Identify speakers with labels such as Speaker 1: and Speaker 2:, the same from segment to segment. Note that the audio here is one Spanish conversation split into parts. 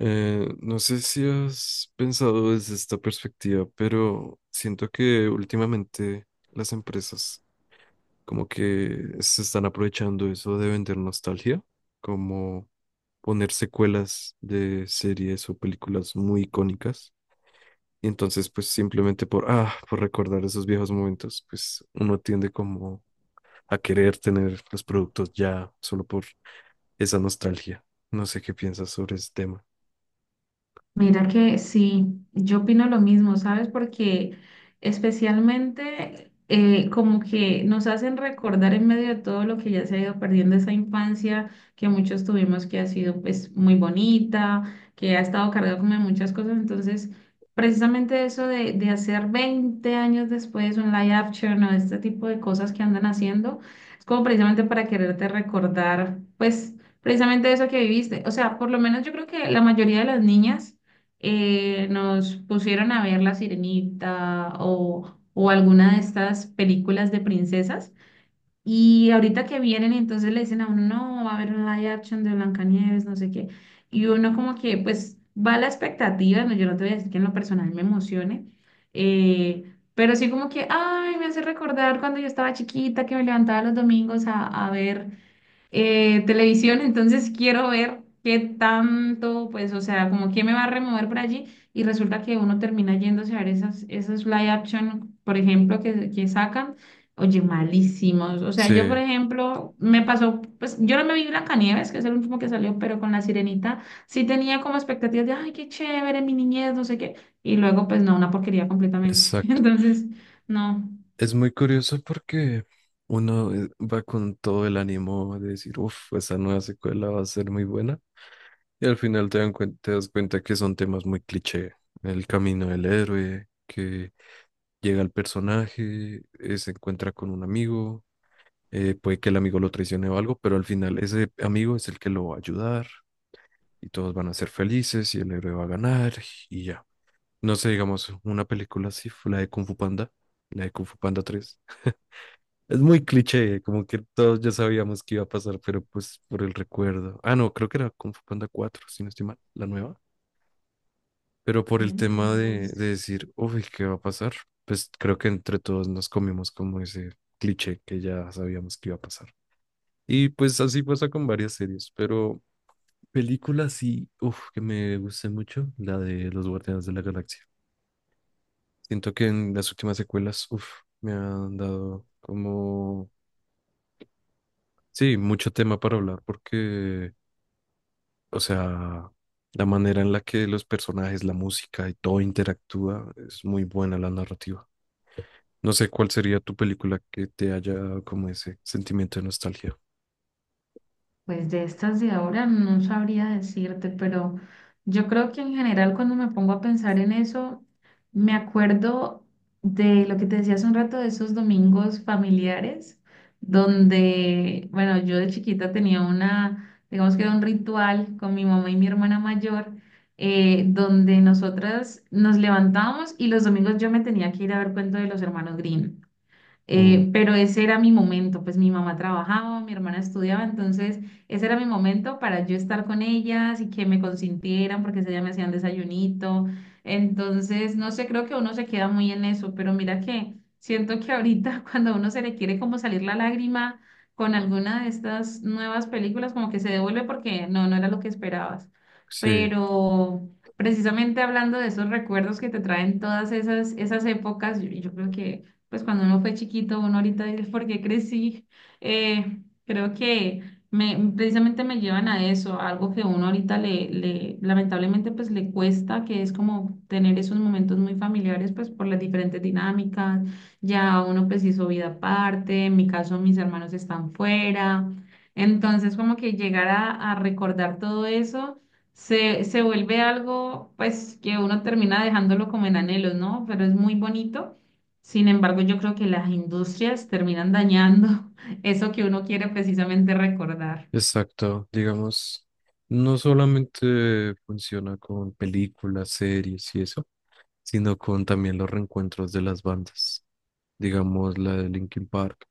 Speaker 1: No sé si has pensado desde esta perspectiva, pero siento que últimamente las empresas como que se están aprovechando eso de vender nostalgia, como poner secuelas de series o películas muy icónicas. Y entonces, pues simplemente por recordar esos viejos momentos, pues uno tiende como a querer tener los productos ya solo por esa nostalgia. No sé qué piensas sobre ese tema.
Speaker 2: Mira que sí, yo opino lo mismo, ¿sabes? Porque especialmente como que nos hacen recordar en medio de todo lo que ya se ha ido perdiendo esa infancia que muchos tuvimos que ha sido pues muy bonita, que ha estado cargada como de muchas cosas. Entonces, precisamente eso de hacer 20 años después un live action o este tipo de cosas que andan haciendo, es como precisamente para quererte recordar pues precisamente eso que viviste. O sea, por lo menos yo creo que la mayoría de las niñas nos pusieron a ver La Sirenita o alguna de estas películas de princesas. Y ahorita que vienen, entonces le dicen a uno, no, va a haber un live action de Blancanieves, no sé qué. Y uno como que, pues, va a la expectativa, no, yo no te voy a decir que en lo personal me emocione, pero sí como que, ay, me hace recordar cuando yo estaba chiquita, que me levantaba los domingos a ver televisión, entonces quiero ver qué tanto, pues, o sea, como quién me va a remover por allí y resulta que uno termina yéndose a ver esas live action, por ejemplo, que sacan, oye, malísimos. O sea, yo, por
Speaker 1: Sí,
Speaker 2: ejemplo, me pasó, pues, yo no me vi Blancanieves, que es el último que salió, pero con La Sirenita sí tenía como expectativas de, ay, qué chévere, mi niñez, no sé qué, y luego, pues, no, una porquería completamente.
Speaker 1: exacto.
Speaker 2: Entonces, no.
Speaker 1: Es muy curioso porque uno va con todo el ánimo de decir, uff, esa nueva secuela va a ser muy buena. Y al final te das cuenta que son temas muy cliché. El camino del héroe, que llega el personaje, se encuentra con un amigo, puede que el amigo lo traicione o algo, pero al final ese amigo es el que lo va a ayudar y todos van a ser felices y el héroe va a ganar y ya. No sé, digamos, una película así fue la de Kung Fu Panda, la de Kung Fu Panda 3. Es muy cliché, como que todos ya sabíamos que iba a pasar, pero pues por el recuerdo. Ah, no, creo que era Kung Fu Panda 4, si no estoy mal, la nueva. Pero
Speaker 2: Ok,
Speaker 1: por el
Speaker 2: no, no
Speaker 1: tema
Speaker 2: lo he
Speaker 1: de,
Speaker 2: visto.
Speaker 1: de decir, uy, ¿qué va a pasar? Pues creo que entre todos nos comimos como ese cliché que ya sabíamos que iba a pasar. Y pues así pasa con varias series, pero películas sí, uff, que me guste mucho, la de Los Guardianes de la Galaxia. Siento que en las últimas secuelas, uff, me han dado como, sí, mucho tema para hablar porque, o sea, la manera en la que los personajes, la música y todo interactúa es muy buena la narrativa. No sé cuál sería tu película que te haya dado como ese sentimiento de nostalgia.
Speaker 2: Pues de estas de ahora no sabría decirte, pero yo creo que en general cuando me pongo a pensar en eso, me acuerdo de lo que te decía hace un rato de esos domingos familiares, donde, bueno, yo de chiquita tenía una, digamos que era un ritual con mi mamá y mi hermana mayor, donde nosotras nos levantábamos y los domingos yo me tenía que ir a ver cuento de los hermanos Grimm.
Speaker 1: Uh,
Speaker 2: Pero ese era mi momento, pues mi mamá trabajaba, mi hermana estudiaba, entonces ese era mi momento para yo estar con ellas y que me consintieran porque ese día me hacían desayunito. Entonces, no sé, creo que uno se queda muy en eso, pero mira que siento que ahorita cuando a uno se le quiere como salir la lágrima con alguna de estas nuevas películas, como que se devuelve porque no, no era lo que esperabas.
Speaker 1: sí,
Speaker 2: Pero precisamente hablando de esos recuerdos que te traen todas esas épocas, yo creo que pues cuando uno fue chiquito, uno ahorita dice, ¿por qué crecí? Creo que precisamente me llevan a eso, a algo que uno ahorita lamentablemente, pues le cuesta, que es como tener esos momentos muy familiares, pues por las diferentes dinámicas, ya uno pues hizo vida aparte, en mi caso mis hermanos están fuera, entonces como que llegar a recordar todo eso se vuelve algo pues que uno termina dejándolo como en anhelos, ¿no? Pero es muy bonito sin embargo, yo creo que las industrias terminan dañando eso que uno quiere precisamente recordar.
Speaker 1: exacto. Digamos, no solamente funciona con películas, series y eso, sino con también los reencuentros de las bandas. Digamos, la de Linkin Park,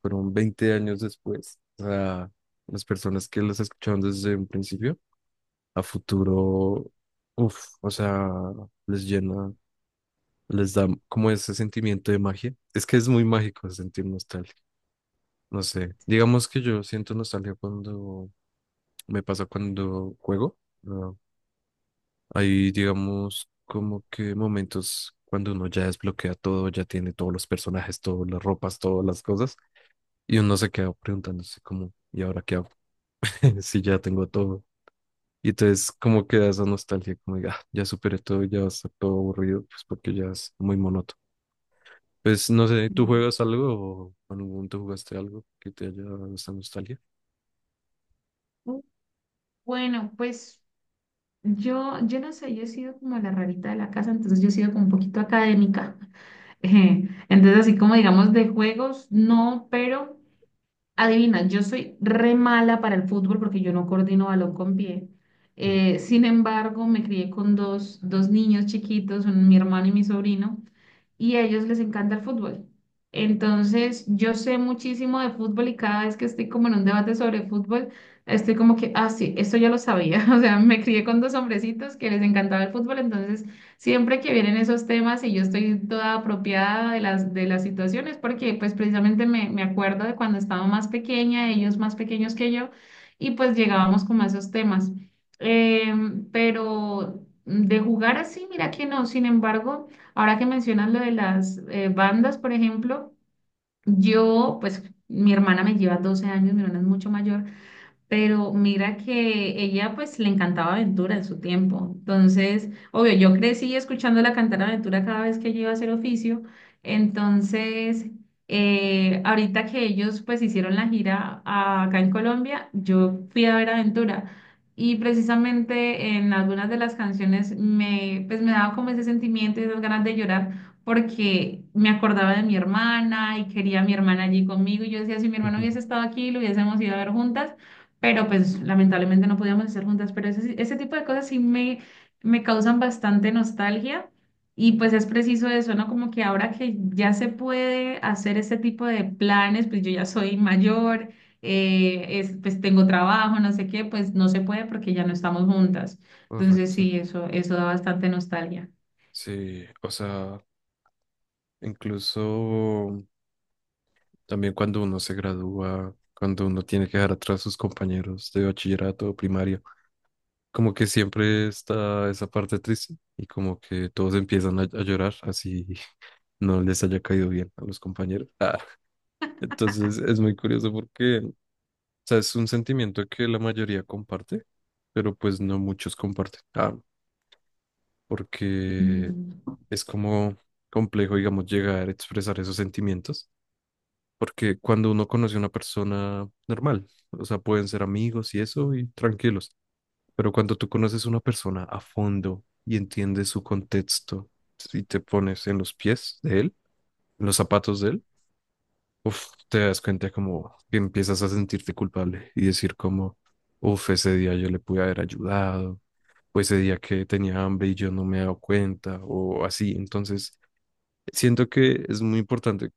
Speaker 1: fueron 20 años después. O sea, las personas que las escucharon desde un principio a futuro, uff, o sea, les llena, les da como ese sentimiento de magia. Es que es muy mágico sentir nostalgia, no sé. Digamos que yo siento nostalgia cuando me pasa cuando juego. ¿No? Hay, digamos, como que momentos cuando uno ya desbloquea todo, ya tiene todos los personajes, todas las ropas, todas las cosas, y uno se queda preguntándose como, ¿y ahora qué hago? Si ya tengo todo. Y entonces como queda esa nostalgia, como diga, "Ah, ya superé todo, ya está todo aburrido, pues porque ya es muy monótono. Pues no sé, ¿tú
Speaker 2: Mm.
Speaker 1: juegas algo o en algún momento jugaste algo que te haya dado esta nostalgia?"
Speaker 2: Uh, bueno, pues yo no sé, yo he sido como la rarita de la casa, entonces yo he sido como un poquito académica. Entonces, así como digamos de juegos, no, pero adivina, yo soy re mala para el fútbol porque yo no coordino balón con pie.
Speaker 1: Mm.
Speaker 2: Sin embargo, me crié con dos niños chiquitos, mi hermano y mi sobrino. Y a ellos les encanta el fútbol. Entonces, yo sé muchísimo de fútbol y cada vez que estoy como en un debate sobre fútbol, estoy como que, ah, sí, esto ya lo sabía. O sea, me crié con dos hombrecitos que les encantaba el fútbol, entonces siempre que vienen esos temas y yo estoy toda apropiada de las situaciones, porque pues precisamente me acuerdo de cuando estaba más pequeña, ellos más pequeños que yo, y pues llegábamos como a esos temas. Pero de jugar así, mira que no, sin embargo. Ahora que mencionas lo de las bandas, por ejemplo, yo, pues mi hermana me lleva 12 años, mi hermana es mucho mayor, pero mira que ella pues le encantaba Aventura en su tiempo. Entonces, obvio, yo crecí escuchándola cantar Aventura cada vez que ella iba a hacer oficio. Entonces, ahorita que ellos pues hicieron la gira acá en Colombia, yo fui a ver Aventura. Y precisamente en algunas de las canciones pues me daba como ese sentimiento y esas ganas de llorar porque me acordaba de mi hermana y quería a mi hermana allí conmigo. Y yo decía, si mi hermano hubiese estado aquí, lo hubiésemos ido a ver juntas, pero pues lamentablemente no podíamos estar juntas, pero ese, sí, ese tipo de cosas sí me causan bastante nostalgia y pues es preciso eso, ¿no? Como que ahora que ya se puede hacer este tipo de planes, pues yo ya soy mayor, pues tengo trabajo, no sé qué, pues no se puede porque ya no estamos juntas. Entonces
Speaker 1: Correcto.
Speaker 2: sí, eso da bastante nostalgia.
Speaker 1: Sí, o sea, incluso también cuando uno se gradúa, cuando uno tiene que dejar atrás sus compañeros de bachillerato o primaria, como que siempre está esa parte triste y como que todos empiezan a llorar así, no les haya caído bien a los compañeros. Entonces es muy curioso porque, o sea, es un sentimiento que la mayoría comparte, pero pues no muchos comparten. Ah, porque
Speaker 2: Y
Speaker 1: es como complejo, digamos, llegar a expresar esos sentimientos, porque cuando uno conoce a una persona normal, o sea, pueden ser amigos y eso, y tranquilos, pero cuando tú conoces a una persona a fondo y entiendes su contexto y te pones en los pies de él, en los zapatos de él, uf, te das cuenta como que empiezas a sentirte culpable y decir como, uf, ese día yo le pude haber ayudado, o ese día que tenía hambre y yo no me he dado cuenta, o así. Entonces, siento que es muy importante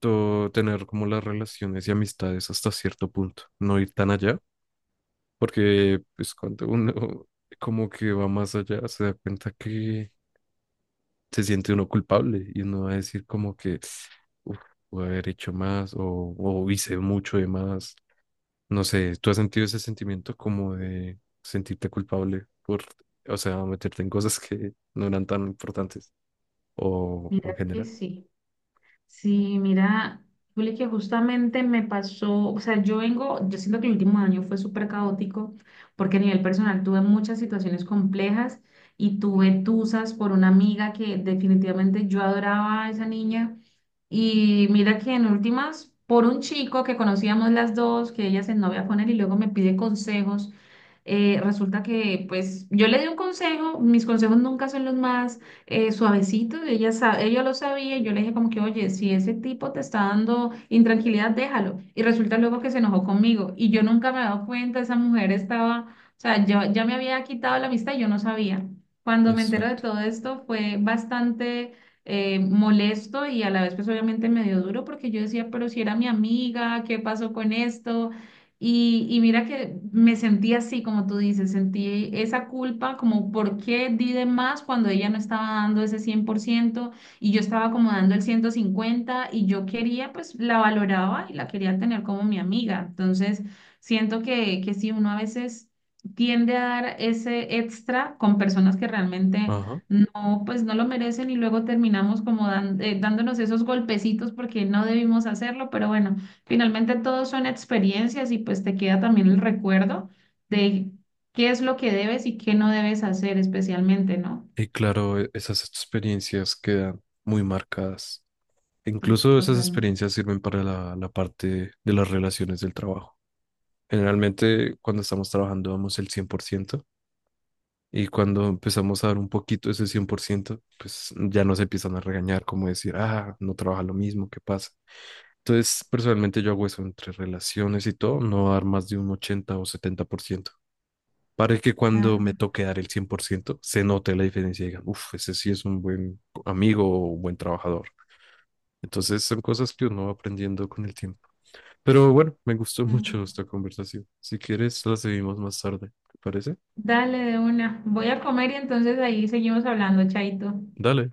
Speaker 1: tener como las relaciones y amistades hasta cierto punto, no ir tan allá, porque pues cuando uno como que va más allá, se da cuenta que se siente uno culpable y uno va a decir como que, uff, pude haber hecho más o hice mucho de más. No sé, ¿tú has sentido ese sentimiento como de sentirte culpable por, o sea, meterte en cosas que no eran tan importantes o
Speaker 2: mira
Speaker 1: en
Speaker 2: que
Speaker 1: general?
Speaker 2: sí. Sí, mira, Juli, que justamente me pasó, o sea, yo vengo, yo siento que el último año fue súper caótico porque a nivel personal tuve muchas situaciones complejas y tuve tusas por una amiga que definitivamente yo adoraba a esa niña y mira que en últimas, por un chico que conocíamos las dos, que ella se novia con él y luego me pide consejos, resulta que pues yo le di un consejo, mis consejos nunca son los más suavecitos, ella, ella lo sabía, y yo le dije como que, oye, si ese tipo te está dando intranquilidad, déjalo. Y resulta luego que se enojó conmigo y yo nunca me he dado cuenta, esa mujer estaba, o sea, yo, ya me había quitado la amistad y yo no sabía. Cuando me entero de
Speaker 1: Exacto.
Speaker 2: todo esto fue bastante molesto y a la vez pues obviamente medio duro porque yo decía, pero si era mi amiga, ¿qué pasó con esto? Y mira que me sentí así, como tú dices, sentí esa culpa, como por qué di de más cuando ella no estaba dando ese 100% y yo estaba como dando el 150 y yo quería, pues la valoraba y la quería tener como mi amiga. Entonces, siento que sí, uno a veces tiende a dar ese extra con personas que realmente
Speaker 1: Ajá.
Speaker 2: no, pues no lo merecen y luego terminamos como dándonos esos golpecitos porque no debimos hacerlo, pero bueno, finalmente todo son experiencias y pues te queda también el recuerdo de qué es lo que debes y qué no debes hacer especialmente, ¿no?
Speaker 1: Y claro, esas experiencias quedan muy marcadas.
Speaker 2: Pues,
Speaker 1: Incluso esas
Speaker 2: totalmente.
Speaker 1: experiencias sirven para la parte de las relaciones del trabajo. Generalmente, cuando estamos trabajando, damos el 100%. Y cuando empezamos a dar un poquito ese 100% pues ya nos empiezan a regañar, como decir, ah, no trabaja lo mismo, ¿qué pasa? Entonces, personalmente yo hago eso entre relaciones y todo, no dar más de un 80 o 70% para que cuando me
Speaker 2: Ah,
Speaker 1: toque dar el 100% se note la diferencia y digan, uff, ese sí es un buen amigo o un buen trabajador. Entonces, son cosas que uno va aprendiendo con el tiempo. Pero bueno, me gustó
Speaker 2: claro.
Speaker 1: mucho esta conversación. Si quieres, la seguimos más tarde, ¿te parece?
Speaker 2: Dale de una. Voy a comer y entonces ahí seguimos hablando, Chaito.
Speaker 1: Dale.